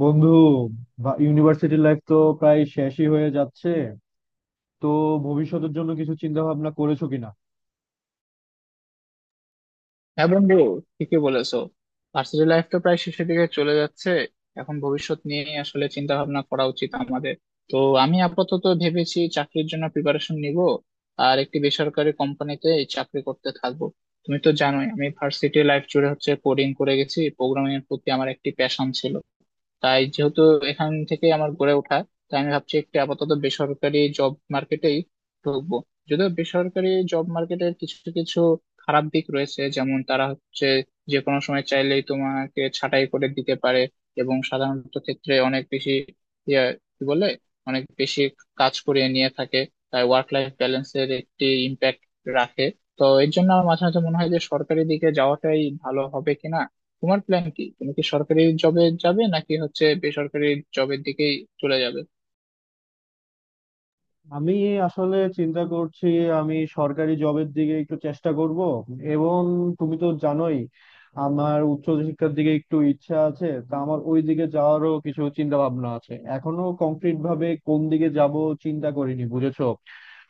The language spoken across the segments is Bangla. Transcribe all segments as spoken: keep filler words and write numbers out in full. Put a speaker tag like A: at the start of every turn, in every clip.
A: বন্ধু, ইউনিভার্সিটি লাইফ তো প্রায় শেষই হয়ে যাচ্ছে, তো ভবিষ্যতের জন্য কিছু চিন্তা ভাবনা করেছো কিনা?
B: হ্যাঁ বন্ধু, ঠিকই বলেছো। ভার্সিটি লাইফ তো প্রায় শেষের দিকে চলে যাচ্ছে। এখন ভবিষ্যৎ নিয়ে আসলে চিন্তা ভাবনা করা উচিত আমাদের। তো আমি আপাতত ভেবেছি চাকরির জন্য প্রিপারেশন নিব, আর একটি বেসরকারি কোম্পানিতে এই চাকরি করতে থাকবো। তুমি তো জানোই আমি ভার্সিটি লাইফ জুড়ে হচ্ছে কোডিং করে গেছি, প্রোগ্রামিং এর প্রতি আমার একটি প্যাশন ছিল। তাই যেহেতু এখান থেকে আমার গড়ে ওঠা, তাই আমি ভাবছি একটু আপাতত বেসরকারি জব মার্কেটেই ঢুকবো। যদিও বেসরকারি জব মার্কেটের কিছু কিছু খারাপ দিক রয়েছে, যেমন তারা হচ্ছে যে কোনো সময় চাইলেই তোমাকে ছাঁটাই করে দিতে পারে, এবং সাধারণত ক্ষেত্রে অনেক বেশি ইয়ে, কি বলে অনেক বেশি কাজ করিয়ে নিয়ে থাকে। তাই ওয়ার্ক লাইফ ব্যালেন্সের একটি ইম্প্যাক্ট রাখে। তো এর জন্য আমার মাঝে মাঝে মনে হয় যে সরকারি দিকে যাওয়াটাই ভালো হবে কিনা। তোমার প্ল্যান কি? তুমি কি সরকারি জবে যাবে নাকি হচ্ছে বেসরকারি জবের দিকেই চলে যাবে?
A: আমি আসলে চিন্তা করছি, আমি সরকারি জবের দিকে একটু চেষ্টা করব। এবং তুমি তো জানোই আমার উচ্চ শিক্ষার দিকে একটু ইচ্ছা আছে, তা আমার ওই দিকে যাওয়ারও কিছু চিন্তা ভাবনা আছে। এখনো কংক্রিট ভাবে কোন দিকে যাব চিন্তা করিনি, বুঝেছো।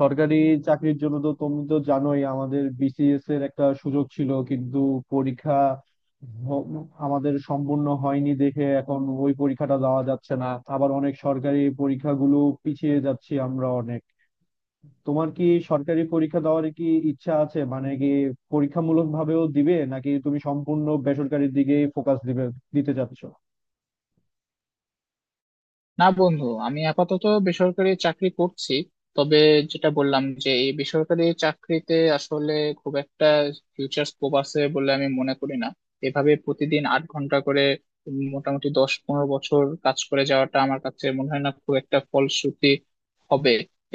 A: সরকারি চাকরির জন্য তো তুমি তো জানোই, আমাদের বিসিএস এর একটা সুযোগ ছিল, কিন্তু পরীক্ষা হ- আমাদের সম্পূর্ণ হয়নি দেখে এখন ওই পরীক্ষাটা দেওয়া যাচ্ছে না। আবার অনেক সরকারি পরীক্ষাগুলো পিছিয়ে যাচ্ছি আমরা অনেক। তোমার কি সরকারি পরীক্ষা দেওয়ার কি ইচ্ছা আছে, মানে কি পরীক্ষামূলক ভাবেও দিবে, নাকি তুমি সম্পূর্ণ বেসরকারির দিকেই ফোকাস দিবে, দিতে চাচ্ছ?
B: না বন্ধু, আমি আপাতত বেসরকারি চাকরি করছি। তবে যেটা বললাম, যে এই বেসরকারি চাকরিতে আসলে খুব একটা ফিউচার স্কোপ আছে বলে আমি মনে করি না। এভাবে প্রতিদিন আট ঘন্টা করে উম মোটামুটি দশ পনেরো বছর কাজ করে যাওয়াটা আমার কাছে মনে হয় না খুব একটা ফলশ্রুতি হবে।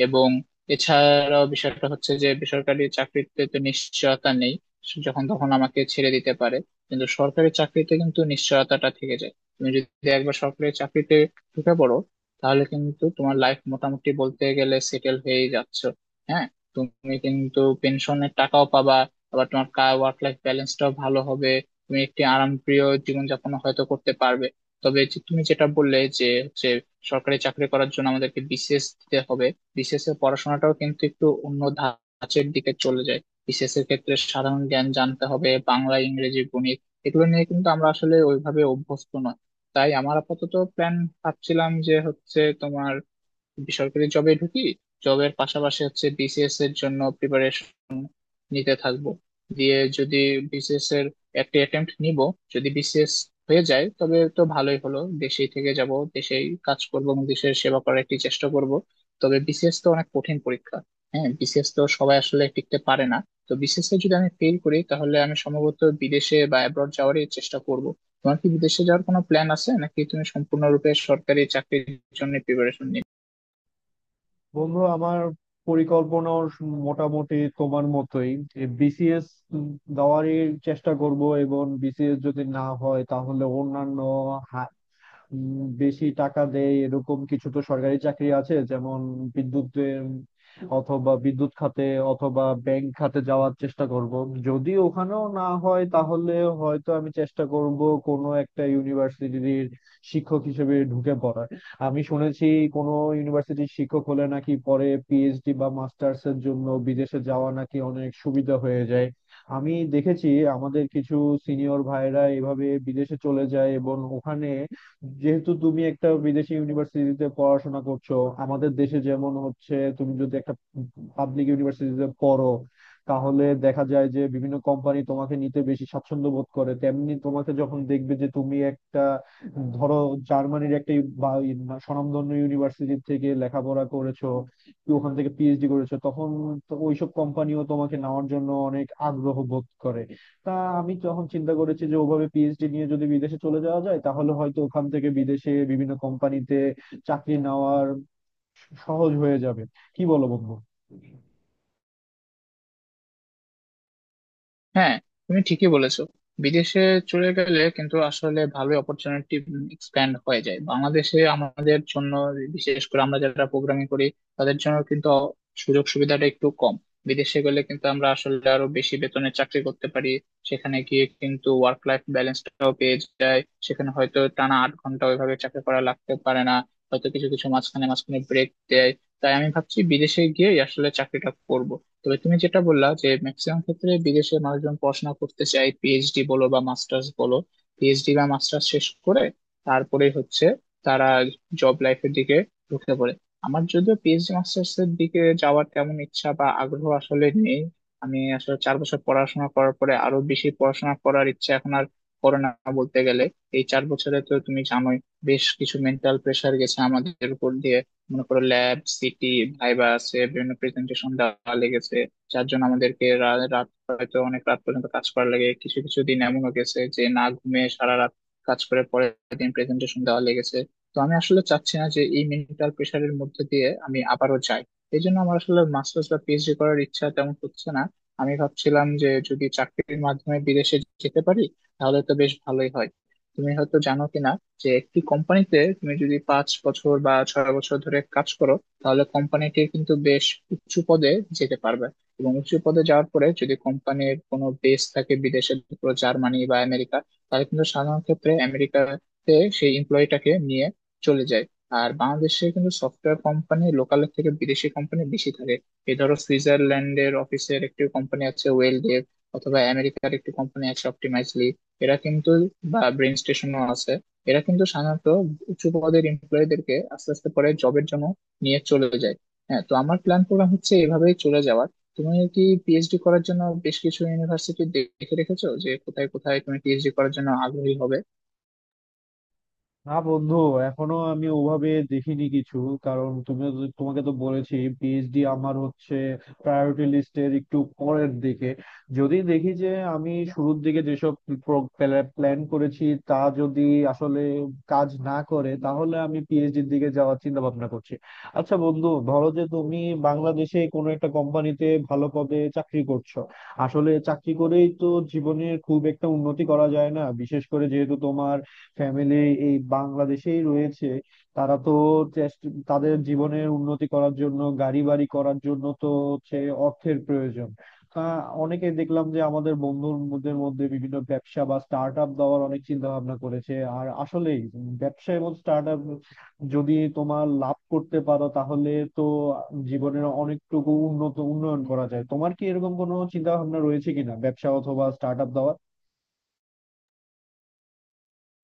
B: এবং এছাড়াও বিষয়টা হচ্ছে যে বেসরকারি চাকরিতে তো নিশ্চয়তা নেই, যখন তখন আমাকে ছেড়ে দিতে পারে। কিন্তু সরকারি চাকরিতে কিন্তু নিশ্চয়তাটা থেকে যায়। তুমি যদি একবার সরকারি চাকরিতে ঢুকে পড়ো তাহলে কিন্তু তোমার লাইফ মোটামুটি বলতে গেলে সেটেল হয়েই যাচ্ছ। হ্যাঁ, তুমি কিন্তু পেনশনের টাকাও পাবা, আবার তোমার কা ওয়ার্ক লাইফ ব্যালেন্সটাও ভালো হবে, তুমি একটি আরামপ্রিয় জীবনযাপন হয়তো করতে পারবে। তবে যে তুমি যেটা বললে যে হচ্ছে সরকারি চাকরি করার জন্য আমাদেরকে বিসিএস দিতে হবে, বিসিএস এর পড়াশোনাটাও কিন্তু একটু অন্য ধাঁচের দিকে চলে যায়। বিসিএস এর ক্ষেত্রে সাধারণ জ্ঞান জানতে হবে, বাংলা ইংরেজি গণিত এগুলো নিয়ে কিন্তু আমরা আসলে ওইভাবে অভ্যস্ত নয়। তাই আমার আপাতত প্ল্যান, ভাবছিলাম যে হচ্ছে তোমার বেসরকারি জবে ঢুকি, জবের পাশাপাশি হচ্ছে বিসিএস এর জন্য নিতে থাকবো, দিয়ে যদি বিসিএস এর একটা অ্যাটেম্প্ট নিব। যদি বিসিএস হয়ে যায় তবে তো ভালোই হলো, দেশেই থেকে যাব, দেশেই কাজ করব এবং দেশের সেবা করার একটি চেষ্টা করব। তবে বিসিএস তো অনেক কঠিন পরীক্ষা, হ্যাঁ বিসিএস তো সবাই আসলে টিকতে পারে না। তো বিসিএস এ যদি আমি ফেল করি তাহলে আমি সম্ভবত বিদেশে বা অ্যাব্রড যাওয়ারই চেষ্টা করব। তোমার কি বিদেশে যাওয়ার কোনো প্ল্যান আছে নাকি তুমি সম্পূর্ণরূপে সরকারি চাকরির জন্য প্রিপারেশন?
A: বন্ধু, আমার পরিকল্পনা মোটামুটি তোমার মতোই। বিসিএস দেওয়ারই চেষ্টা করব, এবং বিসিএস যদি না হয় তাহলে অন্যান্য উম, বেশি টাকা দেয় এরকম কিছু তো সরকারি চাকরি আছে, যেমন বিদ্যুতের অথবা বিদ্যুৎ খাতে অথবা ব্যাংক খাতে যাওয়ার চেষ্টা করব। যদি ওখানেও না হয় তাহলে হয়তো আমি চেষ্টা করব কোনো একটা ইউনিভার্সিটির শিক্ষক হিসেবে ঢুকে পড়ার। আমি শুনেছি কোনো ইউনিভার্সিটির শিক্ষক হলে নাকি পরে পিএইচডি বা মাস্টার্স এর জন্য বিদেশে যাওয়া নাকি অনেক সুবিধা হয়ে যায়। আমি দেখেছি আমাদের কিছু সিনিয়র ভাইরা এভাবে বিদেশে চলে যায়, এবং ওখানে যেহেতু তুমি একটা বিদেশি ইউনিভার্সিটিতে পড়াশোনা করছো। আমাদের দেশে যেমন হচ্ছে, তুমি যদি একটা পাবলিক ইউনিভার্সিটিতে পড়ো তাহলে দেখা যায় যে বিভিন্ন কোম্পানি তোমাকে নিতে বেশি স্বাচ্ছন্দ্য বোধ করে, তেমনি তোমাকে যখন দেখবে যে তুমি একটা, ধরো, জার্মানির একটা ইউ- বা ইউ- বা স্বনামধন্য ইউনিভার্সিটি থেকে লেখাপড়া করেছো, কি ওখান থেকে পিএইচডি করেছো, তখন তো ওইসব কোম্পানিও তোমাকে নেওয়ার জন্য অনেক আগ্রহ বোধ করে। তা আমি যখন চিন্তা করেছি যে ওভাবে পিএইচডি নিয়ে যদি বিদেশে চলে যাওয়া যায়, তাহলে হয়তো ওখান থেকে বিদেশে বিভিন্ন কোম্পানিতে চাকরি নেওয়ার সহজ হয়ে যাবে। কি বলো বন্ধু?
B: হ্যাঁ, তুমি ঠিকই বলেছো, বিদেশে চলে গেলে কিন্তু আসলে ভালো অপরচুনিটি এক্সপ্যান্ড হয়ে যায়। বাংলাদেশে আমাদের জন্য বিশেষ করে আমরা যারা প্রোগ্রামিং করি, তাদের জন্য কিন্তু সুযোগ সুবিধাটা একটু কম। বিদেশে গেলে কিন্তু আমরা আসলে আরো বেশি বেতনে চাকরি করতে পারি, সেখানে গিয়ে কিন্তু ওয়ার্ক লাইফ ব্যালেন্সটাও পেয়ে যায়। সেখানে হয়তো টানা আট ঘন্টা ওইভাবে চাকরি করা লাগতে পারে না, হয়তো কিছু কিছু মাঝখানে মাঝখানে ব্রেক দেয়। তাই আমি ভাবছি বিদেশে গিয়ে আসলে চাকরিটা করব। তবে তুমি যেটা বললা যে ম্যাক্সিমাম ক্ষেত্রে বিদেশে মানুষজন পড়াশোনা করতে চায়, পিএইচডি বলো বা মাস্টার্স বলো, পিএইচডি বা মাস্টার্স শেষ করে তারপরে হচ্ছে তারা জব লাইফের দিকে ঢুকে পড়ে। আমার যদিও পিএইচডি মাস্টার্স এর দিকে যাওয়ার তেমন ইচ্ছা বা আগ্রহ আসলে নেই। আমি আসলে চার বছর পড়াশোনা করার পরে আরো বেশি পড়াশোনা করার ইচ্ছা এখন আর করে না বলতে গেলে। এই চার বছরে তো তুমি জানোই বেশ কিছু মেন্টাল প্রেশার গেছে আমাদের উপর দিয়ে, মনে করো ল্যাব সিটি ভাইবা আছে, বিভিন্ন প্রেজেন্টেশন দেওয়া লেগেছে, যার জন্য আমাদেরকে রা- রাত হয়তো অনেক রাত পর্যন্ত কাজ করা লাগে। কিছু কিছু দিন এমনও গেছে যে না ঘুমিয়ে সারা রাত কাজ করে পরের দিন প্রেজেন্টেশন দেওয়া লেগেছে। তো আমি আসলে চাচ্ছি না যে এই মেন্টাল প্রেশারের মধ্যে দিয়ে আমি আবারও যাই। এই জন্য আমার আসলে মাস্টার্স বা পিএইচডি করার ইচ্ছা তেমন হচ্ছে না। আমি ভাবছিলাম যে যদি চাকরির মাধ্যমে বিদেশে যেতে পারি তাহলে তো বেশ ভালোই হয়। তুমি হয়তো জানো কিনা যে একটি কোম্পানিতে তুমি যদি পাঁচ বছর বা ছয় বছর ধরে কাজ করো তাহলে কোম্পানিটি কিন্তু বেশ উঁচু পদে যেতে পারবে। এবং উঁচু পদে যাওয়ার পরে যদি কোম্পানির কোনো বেস থাকে বিদেশে, পুরো জার্মানি বা আমেরিকা, তাহলে কিন্তু সাধারণ ক্ষেত্রে আমেরিকাতে সেই এমপ্লয়িটাকে নিয়ে চলে যায়। আর বাংলাদেশে কিন্তু সফটওয়্যার কোম্পানি লোকালের থেকে বিদেশি কোম্পানি বেশি থাকে। এই ধরো সুইজারল্যান্ডের অফিসের একটি কোম্পানি আছে ওয়েলডেভ, অথবা আমেরিকার একটি কোম্পানি আছে অপটিমাইজলি, এরা কিন্তু, বা ব্রেন স্টেশনও আছে, এরা কিন্তু সাধারণত উচ্চ পদের এমপ্লয়ীদেরকে আস্তে আস্তে পরে জবের জন্য নিয়ে চলে যায়। হ্যাঁ, তো আমার প্ল্যান প্রোগ্রাম হচ্ছে এভাবেই চলে যাওয়ার। তুমি কি পিএইচডি করার জন্য বেশ কিছু ইউনিভার্সিটি দেখে রেখেছো যে কোথায় কোথায় তুমি পিএইচডি করার জন্য আগ্রহী হবে?
A: না বন্ধু, এখনো আমি ওভাবে দেখিনি কিছু। কারণ তুমি, তোমাকে তো বলেছি পিএইচডি আমার হচ্ছে প্রায়োরিটি লিস্টের একটু পরের দিকে। যদি দেখি যে আমি শুরুর দিকে যেসব প্ল্যান করেছি তা যদি আসলে কাজ না করে, তাহলে আমি পিএইচডির দিকে যাওয়ার চিন্তা ভাবনা করছি। আচ্ছা বন্ধু, ধরো যে তুমি বাংলাদেশে কোনো একটা কোম্পানিতে ভালো পদে চাকরি করছো, আসলে চাকরি করেই তো জীবনের খুব একটা উন্নতি করা যায় না। বিশেষ করে যেহেতু তোমার ফ্যামিলি এই বাংলাদেশেই রয়েছে, তারা তো চেষ্টা, তাদের জীবনের উন্নতি করার জন্য, গাড়ি বাড়ি করার জন্য তো হচ্ছে অর্থের প্রয়োজন। তা অনেকে দেখলাম যে আমাদের বন্ধুদের মধ্যে বিভিন্ন ব্যবসা বা স্টার্ট আপ দেওয়ার অনেক চিন্তা ভাবনা করেছে। আর আসলেই ব্যবসা এবং স্টার্ট আপ যদি তোমার লাভ করতে পারো, তাহলে তো জীবনের অনেকটুকু উন্নত উন্নয়ন করা যায়। তোমার কি এরকম কোনো চিন্তা ভাবনা রয়েছে কিনা ব্যবসা অথবা স্টার্ট আপ দেওয়ার?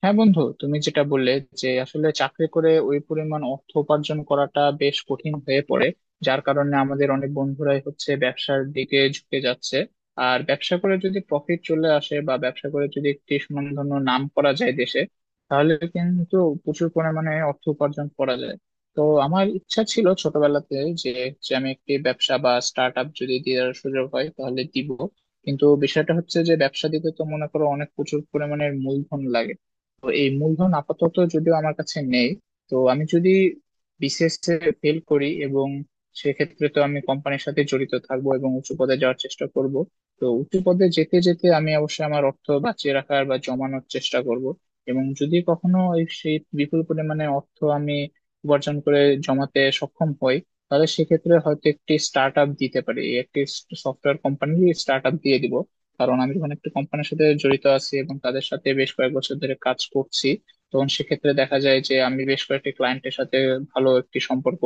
B: হ্যাঁ বন্ধু, তুমি যেটা বললে যে আসলে চাকরি করে ওই পরিমাণ অর্থ উপার্জন করাটা বেশ কঠিন হয়ে পড়ে, যার কারণে আমাদের অনেক বন্ধুরাই হচ্ছে ব্যবসার দিকে ঝুঁকে যাচ্ছে। আর ব্যবসা করে যদি প্রফিট চলে আসে বা ব্যবসা করে যদি একটি সুনামধন্য নাম করা যায় দেশে, তাহলে কিন্তু প্রচুর পরিমাণে অর্থ উপার্জন করা যায়। তো আমার ইচ্ছা ছিল ছোটবেলাতে যে যে আমি একটি ব্যবসা বা স্টার্ট আপ যদি দেওয়ার সুযোগ হয় তাহলে দিব। কিন্তু বিষয়টা হচ্ছে যে ব্যবসা দিতে তো মনে করো অনেক প্রচুর পরিমাণের মূলধন লাগে। তো এই মূলধন আপাতত যদিও আমার কাছে নেই। তো আমি যদি বিসিএস এ ফেল করি, এবং সেক্ষেত্রে তো আমি কোম্পানির সাথে জড়িত থাকবো এবং উঁচু পদে যাওয়ার চেষ্টা করব। তো উঁচু পদে যেতে যেতে আমি অবশ্যই আমার অর্থ বাঁচিয়ে রাখার বা জমানোর চেষ্টা করব। এবং যদি কখনো এই সেই বিপুল পরিমাণে অর্থ আমি উপার্জন করে জমাতে সক্ষম হই, তাহলে সেক্ষেত্রে হয়তো একটি স্টার্ট আপ দিতে পারি, একটি সফটওয়্যার কোম্পানি স্টার্ট আপ দিয়ে দিব। কারণ আমি যখন একটা কোম্পানির সাথে জড়িত আছি এবং তাদের সাথে বেশ কয়েক বছর ধরে কাজ করছি, তখন সেক্ষেত্রে দেখা যায় যে আমি বেশ কয়েকটি ক্লায়েন্টের সাথে ভালো একটি সম্পর্ক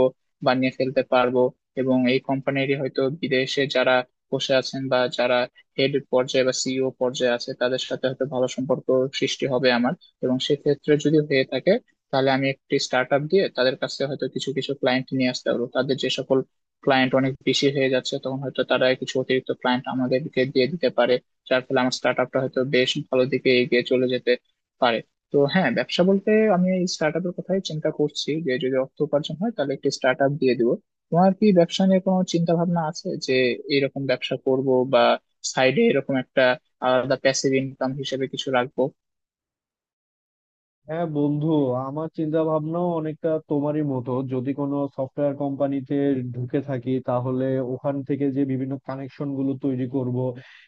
B: বানিয়ে ফেলতে পারবো। এবং এই কোম্পানিরই হয়তো বিদেশে যারা বসে আছেন বা যারা হেড পর্যায়ে বা সিইও পর্যায়ে আছে তাদের সাথে হয়তো ভালো সম্পর্ক সৃষ্টি হবে আমার। এবং সেক্ষেত্রে যদি হয়ে থাকে তাহলে আমি একটি স্টার্ট আপ দিয়ে তাদের কাছে হয়তো কিছু কিছু ক্লায়েন্ট নিয়ে আসতে পারবো। তাদের যে সকল ক্লায়েন্ট অনেক বেশি হয়ে যাচ্ছে তখন হয়তো তারা কিছু অতিরিক্ত ক্লায়েন্ট আমাদেরকে দিয়ে দিতে পারে, যার ফলে আমার স্টার্ট আপটা হয়তো বেশ ভালো দিকে এগিয়ে চলে যেতে পারে। তো হ্যাঁ, ব্যবসা বলতে আমি এই স্টার্ট আপের কথাই চিন্তা করছি, যে যদি অর্থ উপার্জন হয় তাহলে একটি স্টার্ট আপ দিয়ে দিব। তোমার কি ব্যবসা নিয়ে কোনো চিন্তা ভাবনা আছে যে এরকম ব্যবসা করব বা সাইডে এরকম একটা আলাদা প্যাসিভ ইনকাম হিসেবে কিছু রাখবো?
A: হ্যাঁ বন্ধু, আমার চিন্তা ভাবনাও অনেকটা তোমারই মতো। যদি কোনো সফটওয়্যার কোম্পানিতে ঢুকে থাকি, তাহলে ওখান থেকে যে বিভিন্ন কানেকশন গুলো তৈরি করব,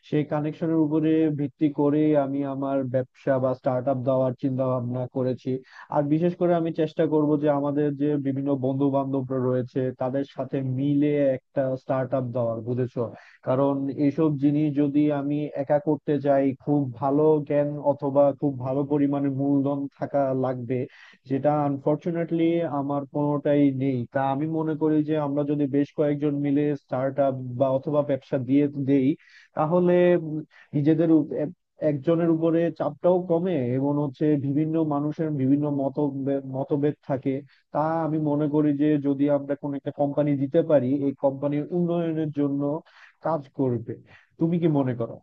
A: সেই কানেকশনের উপরে ভিত্তি করে আমি আমার ব্যবসা বা স্টার্ট আপ দেওয়ার চিন্তা ভাবনা করেছি। আর বিশেষ করে আমি চেষ্টা করব যে আমাদের যে বিভিন্ন বন্ধু বান্ধবরা রয়েছে তাদের সাথে মিলে একটা স্টার্ট আপ দেওয়ার, বুঝেছো। কারণ এইসব জিনিস যদি আমি একা করতে যাই, খুব ভালো জ্ঞান অথবা খুব ভালো পরিমাণে মূলধন থাকা লাগবে, যেটা আনফরচুনেটলি আমার কোনোটাই নেই। তা আমি মনে করি যে আমরা যদি বেশ কয়েকজন মিলে স্টার্ট আপ বা অথবা ব্যবসা দিয়ে দেই, তাহলে নিজেদের উপ- এক- একজনের উপরে চাপটাও কমে, এবং হচ্ছে বিভিন্ন মানুষের বিভিন্ন মত মতভেদ থাকে। তা আমি মনে করি যে যদি আমরা কোনো একটা কোম্পানি দিতে পারি, এই কোম্পানির উন্নয়নের জন্য কাজ করবে। তুমি কি মনে করো?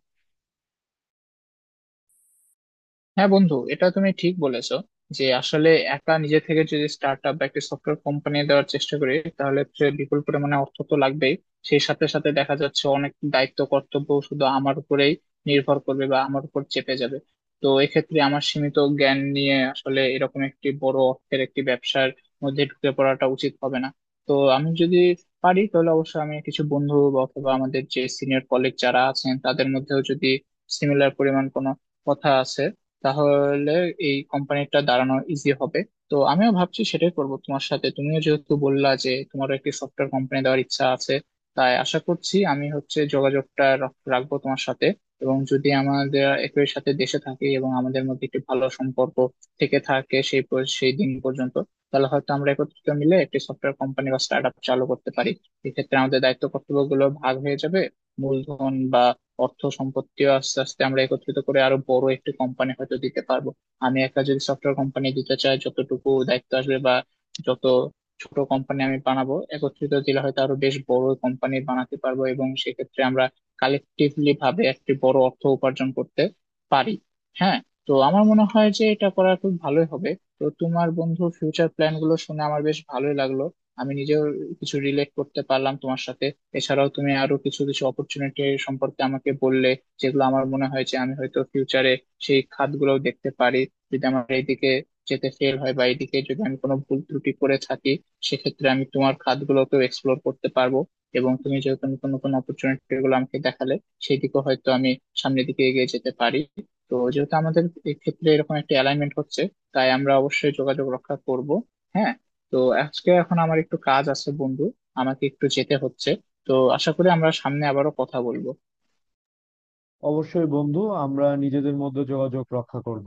B: হ্যাঁ বন্ধু, এটা তুমি ঠিক বলেছো, যে আসলে একা নিজে থেকে যদি স্টার্ট আপ বা একটা সফটওয়্যার কোম্পানি দেওয়ার চেষ্টা করি তাহলে সে বিপুল পরিমাণে অর্থ তো লাগবেই, সেই সাথে সাথে দেখা যাচ্ছে অনেক দায়িত্ব কর্তব্য শুধু আমার উপরেই নির্ভর করবে বা আমার উপর চেপে যাবে। তো এক্ষেত্রে আমার সীমিত জ্ঞান নিয়ে আসলে এরকম একটি বড় অর্থের একটি ব্যবসার মধ্যে ঢুকে পড়াটা উচিত হবে না। তো আমি যদি পারি তাহলে অবশ্যই আমি কিছু বন্ধু বা অথবা আমাদের যে সিনিয়র কলিগ যারা আছেন তাদের মধ্যেও যদি সিমিলার পরিমাণ কোনো কথা আছে, তাহলে এই কোম্পানিটা দাঁড়ানো ইজি হবে। তো আমিও ভাবছি সেটাই করব তোমার সাথে, তুমিও যেহেতু বললা যে তোমারও একটি সফটওয়্যার কোম্পানি দেওয়ার ইচ্ছা আছে, তাই আশা করছি আমি হচ্ছে যোগাযোগটা রাখ- রাখবো তোমার সাথে। এবং যদি আমাদের একই সাথে দেশে থাকি এবং আমাদের মধ্যে একটি ভালো সম্পর্ক থেকে থাকে সেই পর- সেই দিন পর্যন্ত, তাহলে হয়তো আমরা একত্রিত মিলে একটি সফটওয়্যার কোম্পানি বা স্টার্ট আপ চালু করতে পারি। এক্ষেত্রে আমাদের দায়িত্ব কর্তব্য গুলো ভাগ হয়ে যাবে, মূলধন বা অর্থ সম্পত্তিও আস্তে আস্তে আমরা একত্রিত করে আরো বড় একটি কোম্পানি হয়তো দিতে পারবো। আমি একা যদি সফটওয়্যার কোম্পানি দিতে চাই, যতটুকু দায়িত্ব আসবে বা যত ছোট কোম্পানি আমি বানাবো, একত্রিত দিলে হয়তো আরো বেশ বড় কোম্পানি বানাতে পারবো, এবং সেক্ষেত্রে আমরা কালেকটিভলি ভাবে একটি বড় অর্থ উপার্জন করতে পারি। হ্যাঁ, তো আমার মনে হয় যে এটা করা খুব ভালোই হবে। তো তোমার বন্ধু ফিউচার প্ল্যান গুলো শুনে আমার বেশ ভালোই লাগলো, আমি নিজেও কিছু রিলেট করতে পারলাম তোমার সাথে। এছাড়াও তুমি আরো কিছু কিছু অপরচুনিটি সম্পর্কে আমাকে বললে, যেগুলো আমার মনে হয় যে আমি হয়তো ফিউচারে সেই খাতগুলোও দেখতে পারি। যদি আমার এইদিকে যেতে ফেল হয় বা এইদিকে যদি আমি কোনো ভুল ত্রুটি করে থাকি, সেক্ষেত্রে আমি তোমার খাতগুলোকেও এক্সপ্লোর করতে পারবো। এবং তুমি যেহেতু নতুন নতুন অপরচুনিটি গুলো আমাকে দেখালে, সেই দিকে হয়তো আমি সামনের দিকে এগিয়ে যেতে পারি। তো যেহেতু আমাদের এক্ষেত্রে এরকম একটা অ্যালাইনমেন্ট হচ্ছে, তাই আমরা অবশ্যই যোগাযোগ রক্ষা করব। হ্যাঁ, তো আজকে এখন আমার একটু কাজ আছে বন্ধু, আমাকে একটু যেতে হচ্ছে। তো আশা করি আমরা সামনে আবারও কথা বলবো।
A: অবশ্যই বন্ধু, আমরা নিজেদের মধ্যে যোগাযোগ রক্ষা করব।